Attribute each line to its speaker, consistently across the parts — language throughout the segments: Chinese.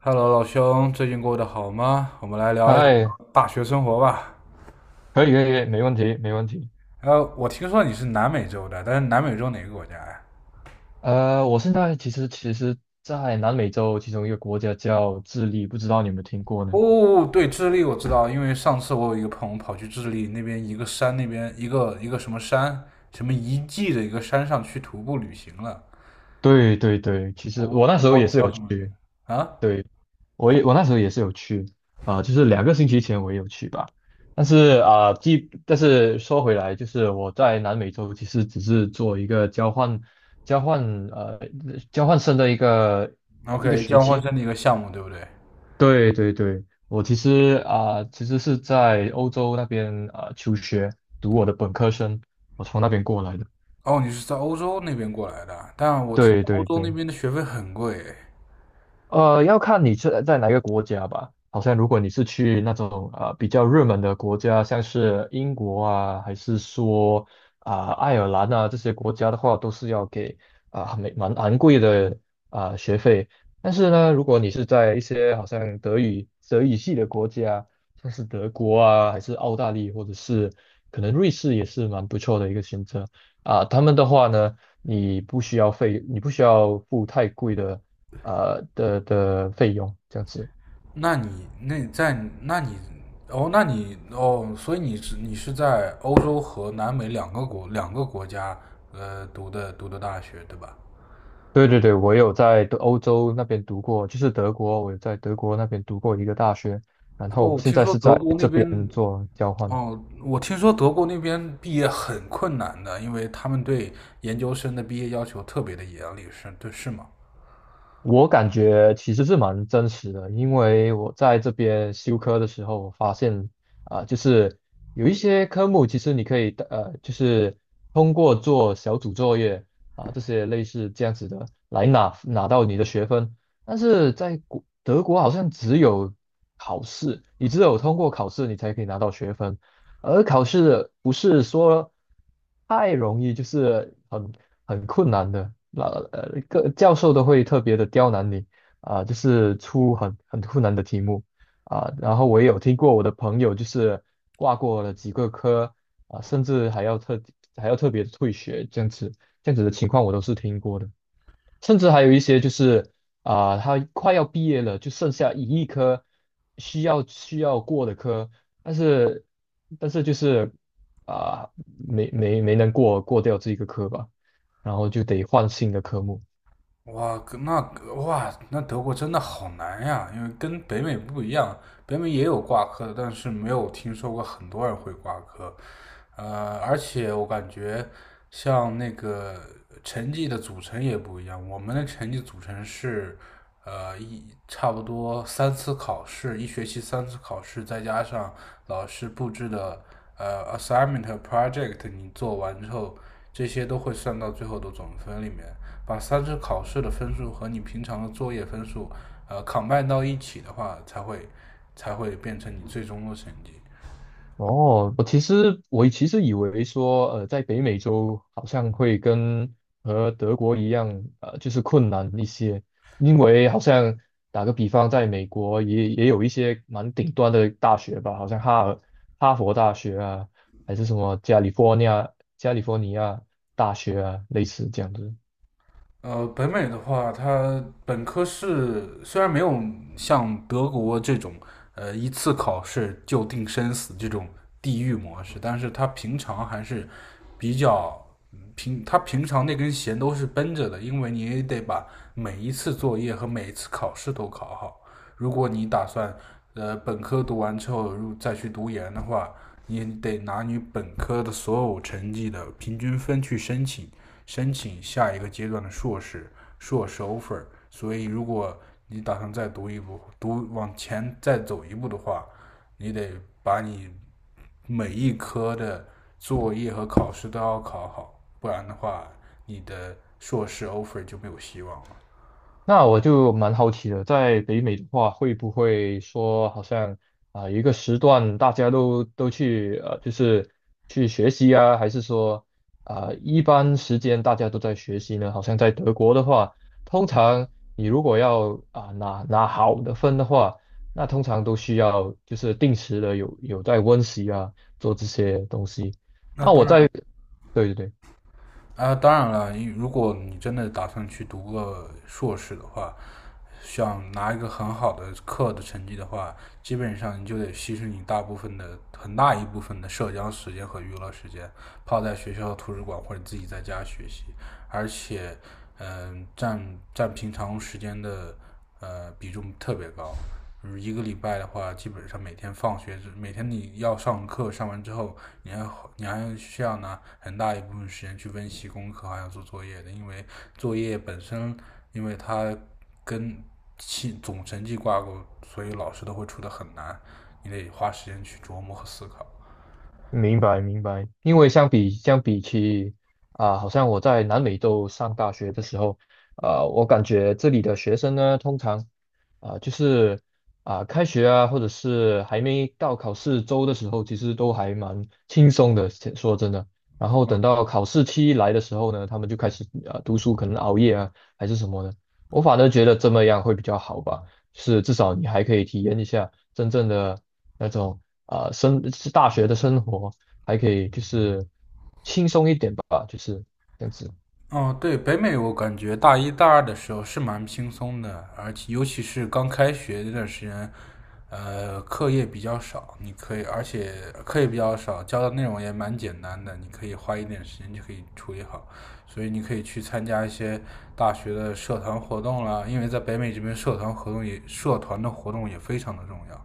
Speaker 1: Hello，老兄，最近过得好吗？我们来聊一聊
Speaker 2: 嗨，
Speaker 1: 大学生活吧。
Speaker 2: 可以没问题。
Speaker 1: 我听说你是南美洲的，但是南美洲哪个国家呀？
Speaker 2: 我现在其实其实，在南美洲其中一个国家叫智利，不知道你有没有听过呢？
Speaker 1: 哦，对，智利我知道，因为上次我有一个朋友跑去智利那边一个山，那边一个什么山，什么遗迹的一个山上去徒步旅行了。
Speaker 2: 对对对，其
Speaker 1: 我
Speaker 2: 实
Speaker 1: 忘
Speaker 2: 我
Speaker 1: 我
Speaker 2: 那时候
Speaker 1: 忘
Speaker 2: 也
Speaker 1: 记
Speaker 2: 是
Speaker 1: 叫
Speaker 2: 有
Speaker 1: 什么名了
Speaker 2: 去。
Speaker 1: 啊
Speaker 2: 对，我那时候也是有去，就是2个星期前我也有去吧。但是啊，但是说回来，就是我在南美洲其实只是做一个交换呃交换生的一个
Speaker 1: ？OK，
Speaker 2: 学
Speaker 1: 交换
Speaker 2: 期。
Speaker 1: 生的一个项目，对不对？
Speaker 2: 对对对，我其实是在欧洲那边求学，读我的本科生，我从那边过来的。
Speaker 1: 哦，你是在欧洲那边过来的，但我听
Speaker 2: 对
Speaker 1: 说欧
Speaker 2: 对
Speaker 1: 洲那
Speaker 2: 对。
Speaker 1: 边的学费很贵。
Speaker 2: 要看你是在哪个国家吧。好像如果你是去那种比较热门的国家，像是英国啊，还是说爱尔兰啊这些国家的话，都是要给蛮昂贵的学费。但是呢，如果你是在一些好像德语系的国家，像是德国啊，还是澳大利亚，或者是可能瑞士也是蛮不错的一个选择。啊，他们的话呢，你不需要付太贵的的费用这样子。
Speaker 1: 那你那在那你哦，那你哦，所以你是在欧洲和南美两个国家读的大学对吧？
Speaker 2: 对对对，我有在欧洲那边读过，就是德国，我有在德国那边读过一个大学，然后
Speaker 1: 哦，
Speaker 2: 现
Speaker 1: 听
Speaker 2: 在
Speaker 1: 说
Speaker 2: 是
Speaker 1: 德
Speaker 2: 在
Speaker 1: 国那
Speaker 2: 这
Speaker 1: 边
Speaker 2: 边做交换。
Speaker 1: 哦，我听说德国那边毕业很困难的，因为他们对研究生的毕业要求特别的严厉，是对是吗？
Speaker 2: 我感觉其实是蛮真实的，因为我在这边修科的时候，我发现就是有一些科目其实你可以就是通过做小组作业这些类似这样子的来拿到你的学分，但是在德国好像只有考试，你只有通过考试你才可以拿到学分，而考试不是说太容易，就是很。很困难的，那个教授都会特别的刁难你就是出很困难的题目。然后我也有听过我的朋友就是挂过了几个科，甚至还要还要特别退学这样子，这样子的情况我都是听过的。甚至还有一些就是他快要毕业了，就剩下一亿科，需要过的科，但是但是就是啊、没能过掉这个科吧，然后就得换新的科目。
Speaker 1: 哇，那哇，那德国真的好难呀，因为跟北美不一样，北美也有挂科的，但是没有听说过很多人会挂科。而且我感觉像那个成绩的组成也不一样，我们的成绩组成是呃一差不多三次考试，一学期三次考试，再加上老师布置的assignment 和 project，你做完之后，这些都会算到最后的总分里面。把三次考试的分数和你平常的作业分数，combine 到一起的话，才会变成你最终的成绩。
Speaker 2: 哦，我其实以为说，在北美洲好像会和德国一样，就是困难一些，因为好像打个比方，在美国也有一些蛮顶端的大学吧，好像哈佛大学啊，还是什么加利福尼亚大学啊，类似这样子。
Speaker 1: 北美的话，它本科是虽然没有像德国这种一次考试就定生死这种地狱模式，但是它平常还是比较平，它平常那根弦都是绷着的，因为你也得把每一次作业和每一次考试都考好。如果你打算本科读完之后如再去读研的话，你得拿你本科的所有成绩的平均分去申请。申请下一个阶段的硕士、硕士 offer。所以，如果你打算再读一步，读往前再走一步的话，你得把你每一科的作业和考试都要考好，不然的话，你的硕士 offer 就没有希望了。
Speaker 2: 那我就蛮好奇的，在北美的话，会不会说好像有一个时段大家都去就是去学习啊，还是说一般时间大家都在学习呢？好像在德国的话，通常你如果要拿好的分的话，那通常都需要就是定时的有在温习啊，做这些东西。
Speaker 1: 那
Speaker 2: 那
Speaker 1: 当
Speaker 2: 我在
Speaker 1: 然，
Speaker 2: 对对对。
Speaker 1: 啊，当然了，如果你真的打算去读个硕士的话，想拿一个很好的课的成绩的话，基本上你就得牺牲你大部分的很大一部分的社交时间和娱乐时间，泡在学校图书馆或者自己在家学习，而且，嗯、呃占占平常时间的比重特别高。就是一个礼拜的话，基本上每天放学每天你要上课，上完之后，你还你还需要拿很大一部分时间去温习功课，还要做作业的，因为作业本身，因为它跟期总成绩挂钩，所以老师都会出的很难，你得花时间去琢磨和思考。
Speaker 2: 明白明白，因为相比起好像我在南美洲上大学的时候，我感觉这里的学生呢，通常啊、就是开学啊，或者是还没到考试周的时候，其实都还蛮轻松的，说真的。然后等到考试期来的时候呢，他们就开始读书，可能熬夜啊，还是什么的。我反而觉得这么样会比较好吧。是至少你还可以体验一下真正的那种是大学的生活，还可以就是轻松一点吧，就是这样子。
Speaker 1: 哦，对，北美我感觉大一大二的时候是蛮轻松的，而且尤其是刚开学那段时间，课业比较少，你可以，而且课业比较少，教的内容也蛮简单的，你可以花一点时间就可以处理好，所以你可以去参加一些大学的社团活动啦，因为在北美这边社团活动也，社团的活动也非常的重要。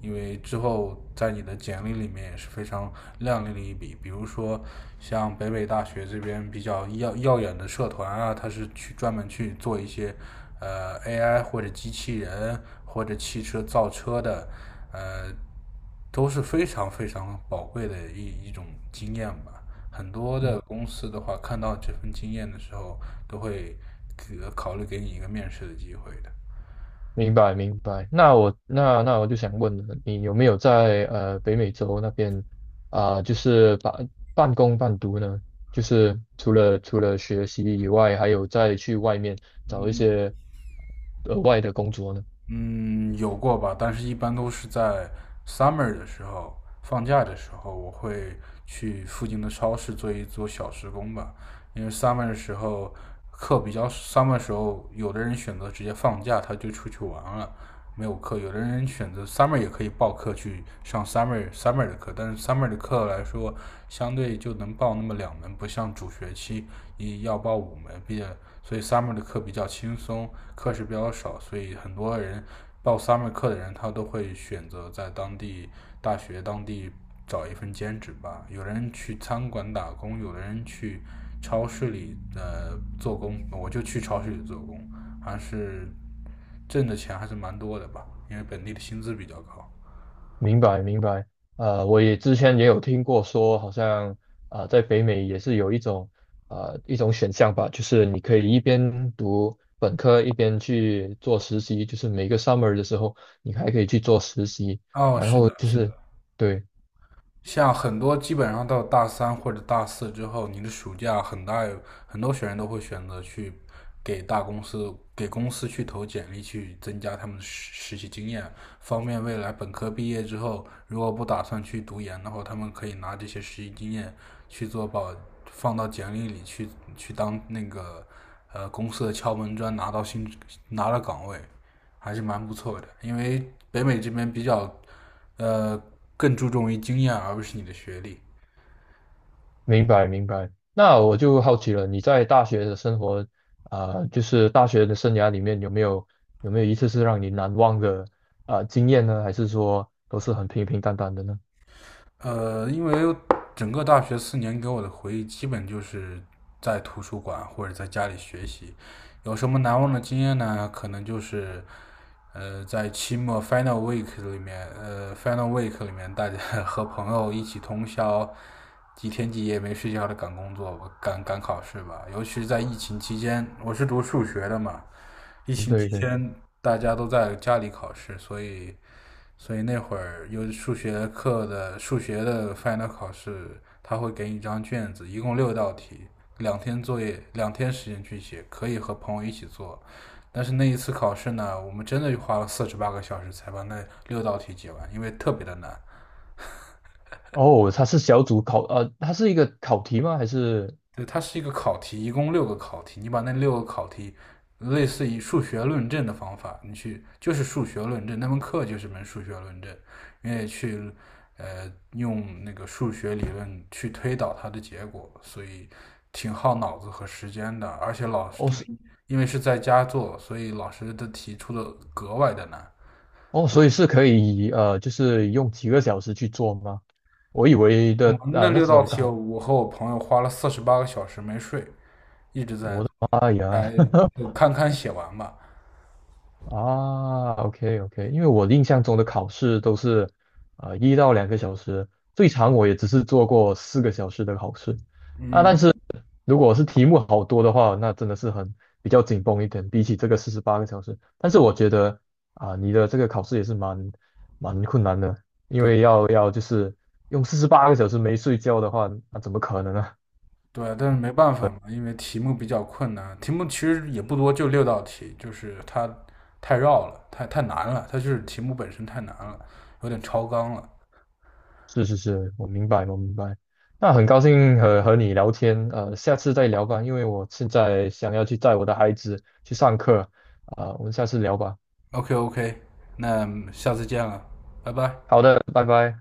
Speaker 1: 因为之后在你的简历里面也是非常亮丽的一笔。比如说，像北北大学这边比较耀耀眼的社团啊，它是去专门去做一些AI 或者机器人或者汽车造车的，呃，都是非常非常宝贵的一种经验吧。很多的
Speaker 2: 嗯，
Speaker 1: 公司的话，看到这份经验的时候，都会考虑给你一个面试的机会的。
Speaker 2: 明白明白。那我就想问了，你有没有在北美洲那边就是半工半读呢？就是除了学习以外，还有再去外面找一
Speaker 1: 嗯，
Speaker 2: 些额外的工作呢？
Speaker 1: 嗯，有过吧，但是一般都是在 summer 的时候，放假的时候，我会去附近的超市做一做小时工吧。因为 summer 的时候课比较，summer 的时候，有的人选择直接放假，他就出去玩了，没有课；有的人选择 summer 也可以报课去上 summer 的课，但是 summer 的课来说，相对就能报那么两门，不像主学期一要报五门，毕业，所以 summer 的课比较轻松。课时比较少，所以很多人报 summer 课的人，他都会选择在当地大学当地找一份兼职吧。有人去餐馆打工，有的人去超市里做工，我就去超市里做工，还是挣的钱还是蛮多的吧，因为本地的薪资比较高。
Speaker 2: 明白明白，我也之前也有听过说，好像在北美也是有一种一种选项吧，就是你可以一边读本科一边去做实习，就是每个 summer 的时候，你还可以去做实习，
Speaker 1: 哦，
Speaker 2: 然
Speaker 1: 是
Speaker 2: 后
Speaker 1: 的，
Speaker 2: 就
Speaker 1: 是的。
Speaker 2: 是对。
Speaker 1: 像很多基本上到大三或者大四之后，你的暑假很大有很多学员都会选择去给大公司、给公司去投简历，去增加他们的实习经验，方便未来本科毕业之后，如果不打算去读研的话，他们可以拿这些实习经验去做保，放到简历里去去当那个公司的敲门砖，拿到岗位，还是蛮不错的。因为北美这边比较呃，更注重于经验而不是你的学历。
Speaker 2: 明白明白。那我就好奇了，你在大学的生活，就是大学的生涯里面有没有一次是让你难忘的经验呢？还是说都是很平平淡淡的呢？
Speaker 1: 因为整个大学四年给我的回忆，基本就是在图书馆或者在家里学习。有什么难忘的经验呢？可能就是，在期末 final week 里面，大家和朋友一起通宵，几天几夜没睡觉的赶工作赶考试吧。尤其是在疫情期间，我是读数学的嘛，疫情期
Speaker 2: 对对。
Speaker 1: 间大家都在家里考试，所以那会儿有数学课的数学的 final 考试，他会给你一张卷子，一共六道题，两天作业，两天时间去写，可以和朋友一起做。但是那一次考试呢，我们真的花了四十八个小时才把那六道题解完，因为特别的难。
Speaker 2: 哦，它是小组考，它是一个考题吗？还是
Speaker 1: 对，它是一个考题，一共六个考题，你把那六个考题，类似于数学论证的方法，你去就是数学论证，那门课就是门数学论证，你也去用那个数学理论去推导它的结果，所以挺耗脑子和时间的，而且老师
Speaker 2: 哦
Speaker 1: 因
Speaker 2: 是
Speaker 1: 为因为是在家做，所以老师的题出的格外的难。
Speaker 2: 哦，所以是可以就是用几个小时去做吗？我以为
Speaker 1: 我
Speaker 2: 的
Speaker 1: 们那
Speaker 2: 那
Speaker 1: 六
Speaker 2: 这
Speaker 1: 道
Speaker 2: 种
Speaker 1: 题，
Speaker 2: 考，
Speaker 1: 我和我朋友花了四十八个小时没睡，一直在做，
Speaker 2: 哎呀，
Speaker 1: 就有堪堪写完吧。
Speaker 2: 啊，OK OK，因为我印象中的考试都是1到2个小时，最长我也只是做过4个小时的考试。
Speaker 1: 嗯，
Speaker 2: 如果是题目好多的话，那真的是很比较紧绷一点，比起这个四十八个小时。但是我觉得你的这个考试也是蛮困难的，因
Speaker 1: 对
Speaker 2: 为要就是用四十八个小时没睡觉的话，那、怎么可能呢、
Speaker 1: 对，但是没办法嘛，因为题目比较困难，题目其实也不多，就六道题，就是它太绕了，太难了，它就是题目本身太难了，有点超纲了。
Speaker 2: 是是是，我明白，我明白。那很高兴和你聊天，下次再聊吧，因为我现在想要去载我的孩子去上课，我们下次聊吧。
Speaker 1: OK OK，那下次见了，拜拜。
Speaker 2: 好的，拜拜。